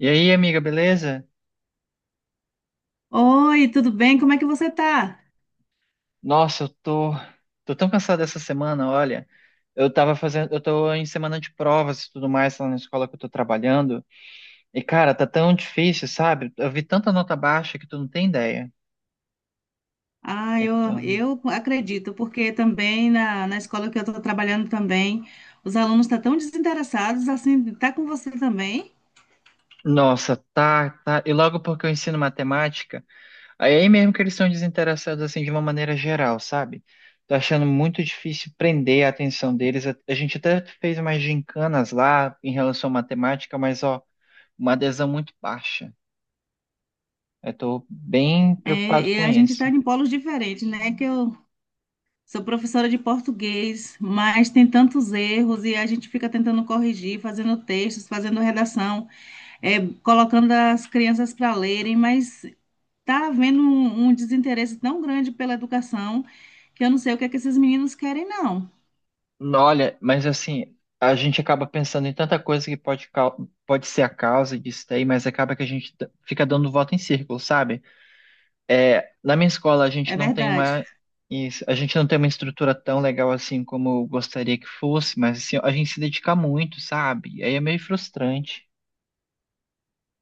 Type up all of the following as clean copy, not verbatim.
E aí, amiga, beleza? Oi, tudo bem? Como é que você tá? Nossa, eu tô, tô tão cansado dessa semana, olha. Eu tô em semana de provas e tudo mais lá na escola que eu tô trabalhando. E, cara, tá tão difícil, sabe? Eu vi tanta nota baixa que tu não tem ideia. Ah, Eu tô- eu acredito, porque também na escola que eu estou trabalhando também, os alunos estão tão desinteressados, assim, tá com você também. Nossa, tá. E logo porque eu ensino matemática, aí é mesmo que eles são desinteressados assim de uma maneira geral, sabe? Tô achando muito difícil prender a atenção deles. A gente até fez umas gincanas lá em relação à matemática, mas ó, uma adesão muito baixa. Eu tô bem É, preocupado e com a gente está isso. em polos diferentes, né? Que eu sou professora de português, mas tem tantos erros e a gente fica tentando corrigir, fazendo textos, fazendo redação. É, colocando as crianças para lerem, mas tá havendo um desinteresse tão grande pela educação que eu não sei o que é que esses meninos querem, não. Olha, mas assim, a gente acaba pensando em tanta coisa que pode ser a causa disso daí, mas acaba que a gente fica dando volta em círculo, sabe? É, na minha escola, É verdade. A gente não tem uma estrutura tão legal assim como eu gostaria que fosse, mas assim, a gente se dedica muito, sabe? Aí é meio frustrante,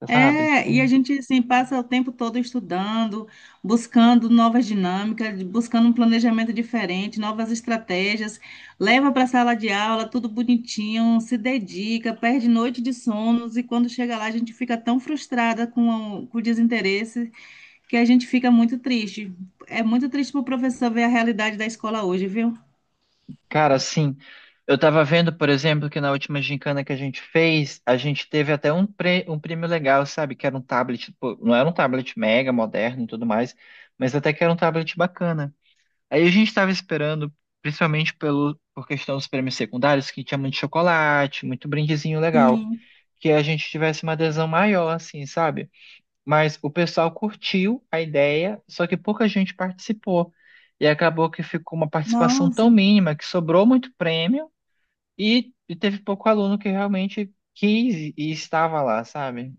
sabe? É, e a gente assim passa o tempo todo estudando, buscando novas dinâmicas, buscando um planejamento diferente, novas estratégias, leva para a sala de aula, tudo bonitinho, se dedica, perde noite de sonos e quando chega lá a gente fica tão frustrada com o desinteresse, que a gente fica muito triste. É muito triste para o professor ver a realidade da escola hoje, viu? Cara, sim. Eu tava vendo, por exemplo, que na última gincana que a gente fez, a gente teve até um prêmio legal, sabe? Que era um tablet, pô, não era um tablet mega moderno e tudo mais, mas até que era um tablet bacana. Aí a gente tava esperando, principalmente por questão dos prêmios secundários, que tinha muito chocolate, muito brindezinho legal, Sim. que a gente tivesse uma adesão maior, assim, sabe? Mas o pessoal curtiu a ideia, só que pouca gente participou. E acabou que ficou uma participação Nossa. tão mínima que sobrou muito prêmio e teve pouco aluno que realmente quis e estava lá, sabe?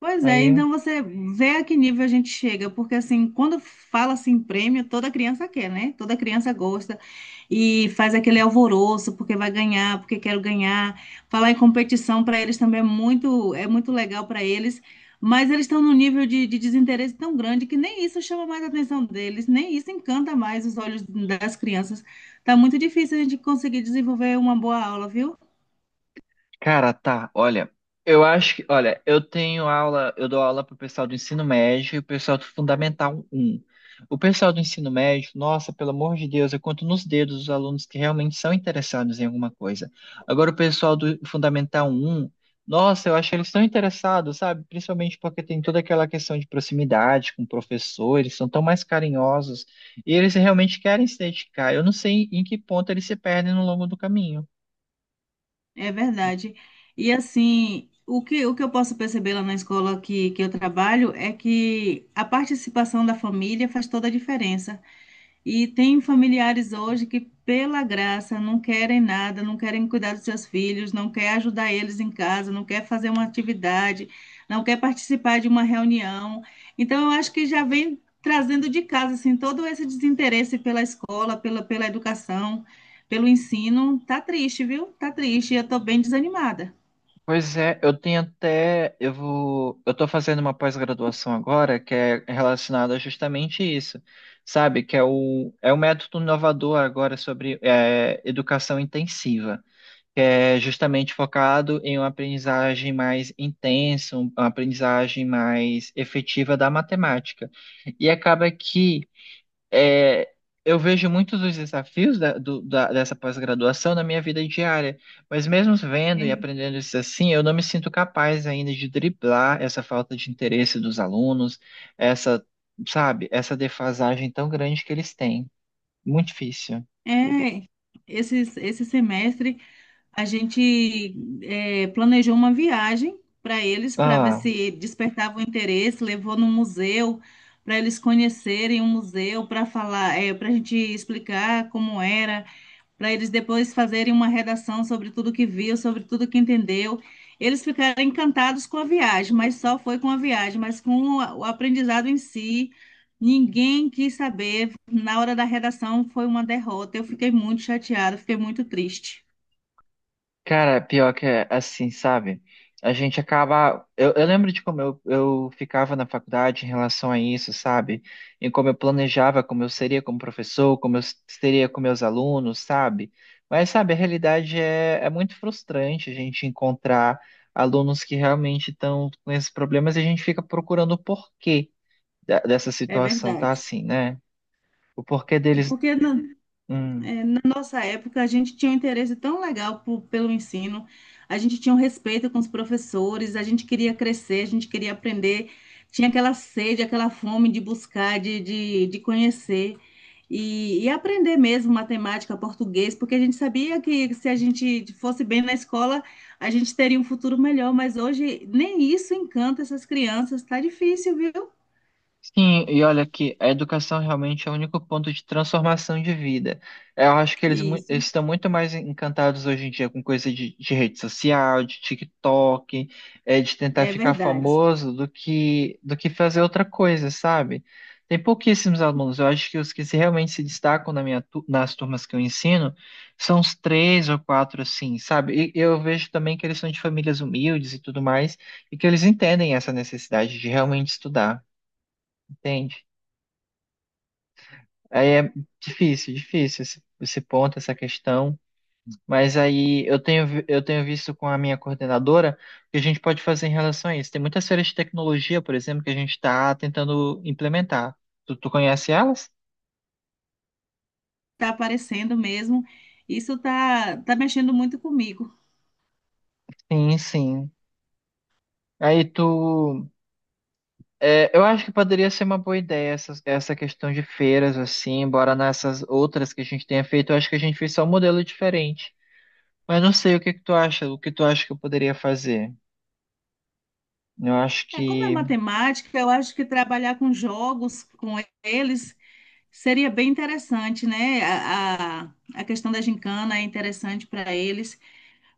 Pois é, Aí. então você vê a que nível a gente chega, porque assim, quando fala assim prêmio, toda criança quer, né? Toda criança gosta e faz aquele alvoroço porque vai ganhar, porque quero ganhar. Falar em competição para eles também é muito legal para eles, mas eles estão num nível de desinteresse tão grande, que nem isso chama mais a atenção deles, nem isso encanta mais os olhos das crianças. Tá muito difícil a gente conseguir desenvolver uma boa aula, viu? Cara, tá, olha, olha, eu dou aula pro pessoal do ensino médio e o pessoal do Fundamental um. O pessoal do ensino médio, nossa, pelo amor de Deus, eu conto nos dedos os alunos que realmente são interessados em alguma coisa. Agora, o pessoal do Fundamental um, nossa, eu acho que eles estão interessados, sabe? Principalmente porque tem toda aquela questão de proximidade com o professor, eles são tão mais carinhosos e eles realmente querem se dedicar. Eu não sei em que ponto eles se perdem no longo do caminho. É verdade. E assim, o que eu posso perceber lá na escola que eu trabalho é que a participação da família faz toda a diferença. E tem familiares hoje que, pela graça, não querem nada, não querem cuidar dos seus filhos, não quer ajudar eles em casa, não quer fazer uma atividade, não quer participar de uma reunião. Então, eu acho que já vem trazendo de casa assim todo esse desinteresse pela escola, pela educação, pelo ensino. Tá triste, viu? Tá triste. Eu estou bem desanimada. Pois é, eu tenho até, eu vou, eu tô fazendo uma pós-graduação agora que é relacionada justamente a isso, sabe? Que é é o método inovador agora sobre é, educação intensiva, que é justamente focado em uma aprendizagem mais intensa, uma aprendizagem mais efetiva da matemática. E acaba que é, eu vejo muitos dos desafios dessa pós-graduação na minha vida diária, mas mesmo vendo e aprendendo isso assim, eu não me sinto capaz ainda de driblar essa falta de interesse dos alunos, essa, sabe, essa defasagem tão grande que eles têm. Muito difícil. É, é, esse semestre a gente planejou uma viagem para eles, para ver Ah. se despertava o interesse, levou no museu, para eles conhecerem o museu, para falar, para a gente explicar como era, para eles depois fazerem uma redação sobre tudo que viu, sobre tudo que entendeu. Eles ficaram encantados com a viagem, mas só foi com a viagem, mas com o aprendizado em si, ninguém quis saber. Na hora da redação foi uma derrota. Eu fiquei muito chateada, fiquei muito triste. Cara, pior que é assim, sabe? A gente acaba. Eu lembro de como eu ficava na faculdade em relação a isso, sabe? Em como eu planejava, como eu seria como professor, como eu seria com meus alunos, sabe? Mas, sabe, a realidade é muito frustrante a gente encontrar alunos que realmente estão com esses problemas e a gente fica procurando o porquê dessa É situação tá verdade. assim, né? O porquê deles. Porque na, hum, é, na nossa época a gente tinha um interesse tão legal pelo ensino, a gente tinha um respeito com os professores, a gente queria crescer, a gente queria aprender, tinha aquela sede, aquela fome de buscar, de conhecer e aprender mesmo matemática, português, porque a gente sabia que se a gente fosse bem na escola, a gente teria um futuro melhor, mas hoje nem isso encanta essas crianças, tá difícil, viu? Sim, e olha que a educação realmente é o único ponto de transformação de vida. Eu acho que Isso, eles estão muito mais encantados hoje em dia com coisa de rede social, de TikTok, de tentar é ficar verdade. famoso do que fazer outra coisa, sabe? Tem pouquíssimos alunos. Eu acho que os que realmente se destacam na nas turmas que eu ensino são os três ou quatro, assim, sabe? E eu vejo também que eles são de famílias humildes e tudo mais, e que eles entendem essa necessidade de realmente estudar. Entende? Aí é difícil, difícil esse ponto, essa questão. Mas aí eu tenho visto com a minha coordenadora o que a gente pode fazer em relação a isso. Tem muitas feiras de tecnologia, por exemplo, que a gente está tentando implementar. Tu conhece elas? Tá aparecendo mesmo. Isso tá mexendo muito comigo. Sim, sim. Aí tu. É, eu acho que poderia ser uma boa ideia essa questão de feiras, assim, embora nessas outras que a gente tenha feito, eu acho que a gente fez só um modelo diferente. Mas não sei o que tu acha que eu poderia fazer. Eu acho É, como é que. matemática, eu acho que trabalhar com jogos, com eles, seria bem interessante, né? A questão da gincana é interessante para eles,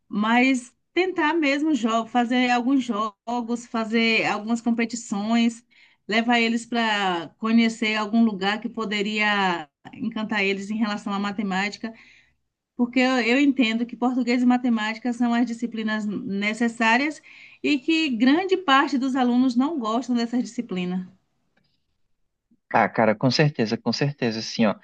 mas tentar mesmo jogo, fazer alguns jogos, fazer algumas competições, levar eles para conhecer algum lugar que poderia encantar eles em relação à matemática. Porque eu entendo que português e matemática são as disciplinas necessárias e que grande parte dos alunos não gostam dessa disciplina. Ah, cara, com certeza, assim, ó.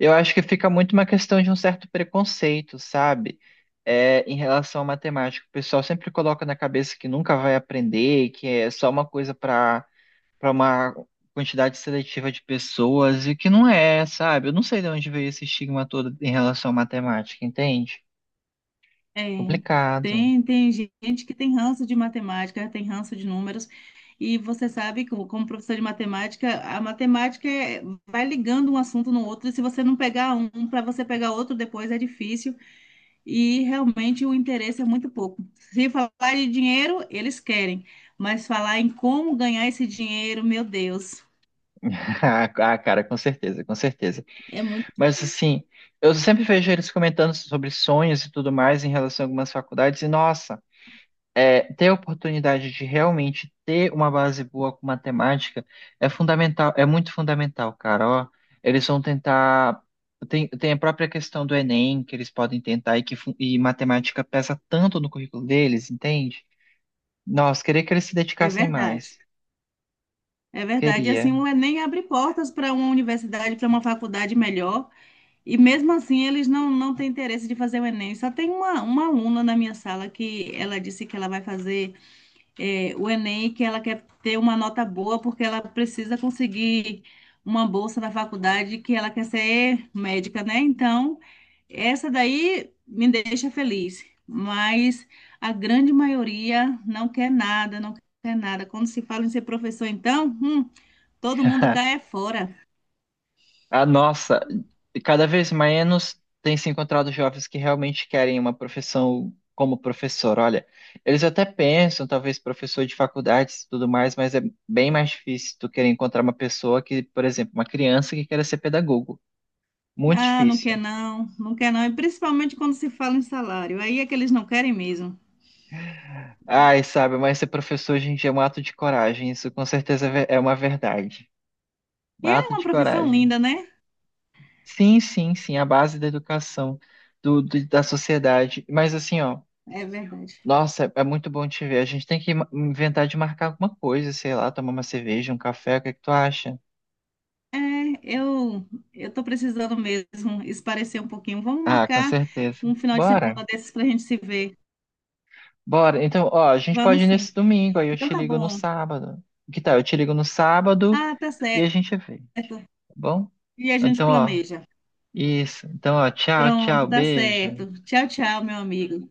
Eu acho que fica muito uma questão de um certo preconceito, sabe? É, em relação à matemática. O pessoal sempre coloca na cabeça que nunca vai aprender, que é só uma coisa para uma quantidade seletiva de pessoas, e que não é, sabe? Eu não sei de onde veio esse estigma todo em relação à matemática, entende? É, Complicado. tem gente que tem ranço de matemática, tem ranço de números, e você sabe, como professor de matemática, a matemática vai ligando um assunto no outro, e se você não pegar um para você pegar outro depois é difícil. E realmente o interesse é muito pouco. Se falar de dinheiro, eles querem, mas falar em como ganhar esse dinheiro, meu Deus, Ah, cara, com certeza, com certeza. é muito, Mas assim, eu sempre vejo eles comentando sobre sonhos e tudo mais em relação a algumas faculdades, e nossa. É, ter a oportunidade de realmente ter uma base boa com matemática é fundamental, é muito fundamental, cara. Ó, eles vão tentar. Tem a própria questão do Enem que eles podem tentar e que e matemática pesa tanto no currículo deles, entende? Nossa, queria que eles se é dedicassem verdade. mais. É verdade, e Queria. assim, o Enem abre portas para uma universidade, para uma faculdade melhor, e mesmo assim eles não têm interesse de fazer o Enem. Só tem uma aluna na minha sala que ela disse que ela vai fazer o Enem, que ela quer ter uma nota boa, porque ela precisa conseguir uma bolsa na faculdade, que ela quer ser médica, né? Então, essa daí me deixa feliz, mas a grande maioria não quer nada, não quer nada. Quando se fala em ser professor, então, todo mundo cai é fora. Ah, nossa, e cada vez menos tem se encontrado jovens que realmente querem uma profissão como professor. Olha, eles até pensam, talvez professor de faculdades e tudo mais, mas é bem mais difícil tu querer encontrar uma pessoa que, por exemplo, uma criança que queira ser pedagogo. Muito Ah, não quer difícil. não, não quer não. E principalmente quando se fala em salário, aí é que eles não querem mesmo. Ai, sabe, mas ser professor hoje em dia é um ato de coragem. Isso com certeza é uma verdade. Um E é ato uma de profissão coragem. linda, né? Sim, sim, sim, a base da educação, da sociedade. Mas assim, ó. É verdade. Nossa, é é muito bom te ver. A gente tem que inventar de marcar alguma coisa, sei lá, tomar uma cerveja, um café, o que é que tu acha? É, eu eu tô precisando mesmo esparecer um pouquinho. Vamos Ah, com marcar certeza. um final de Bora, semana desses para a gente se ver. bora. Então, ó, a gente pode Vamos ir nesse sim. domingo, aí eu Então te tá ligo no bom. sábado. Que tal? Eu te ligo no sábado Ah, tá e a certo. gente vê, tá bom? E a gente Então, ó, planeja. isso. Então, ó, tchau, Pronto, tchau, tá certo. beijo. Tchau, tchau, meu amigo.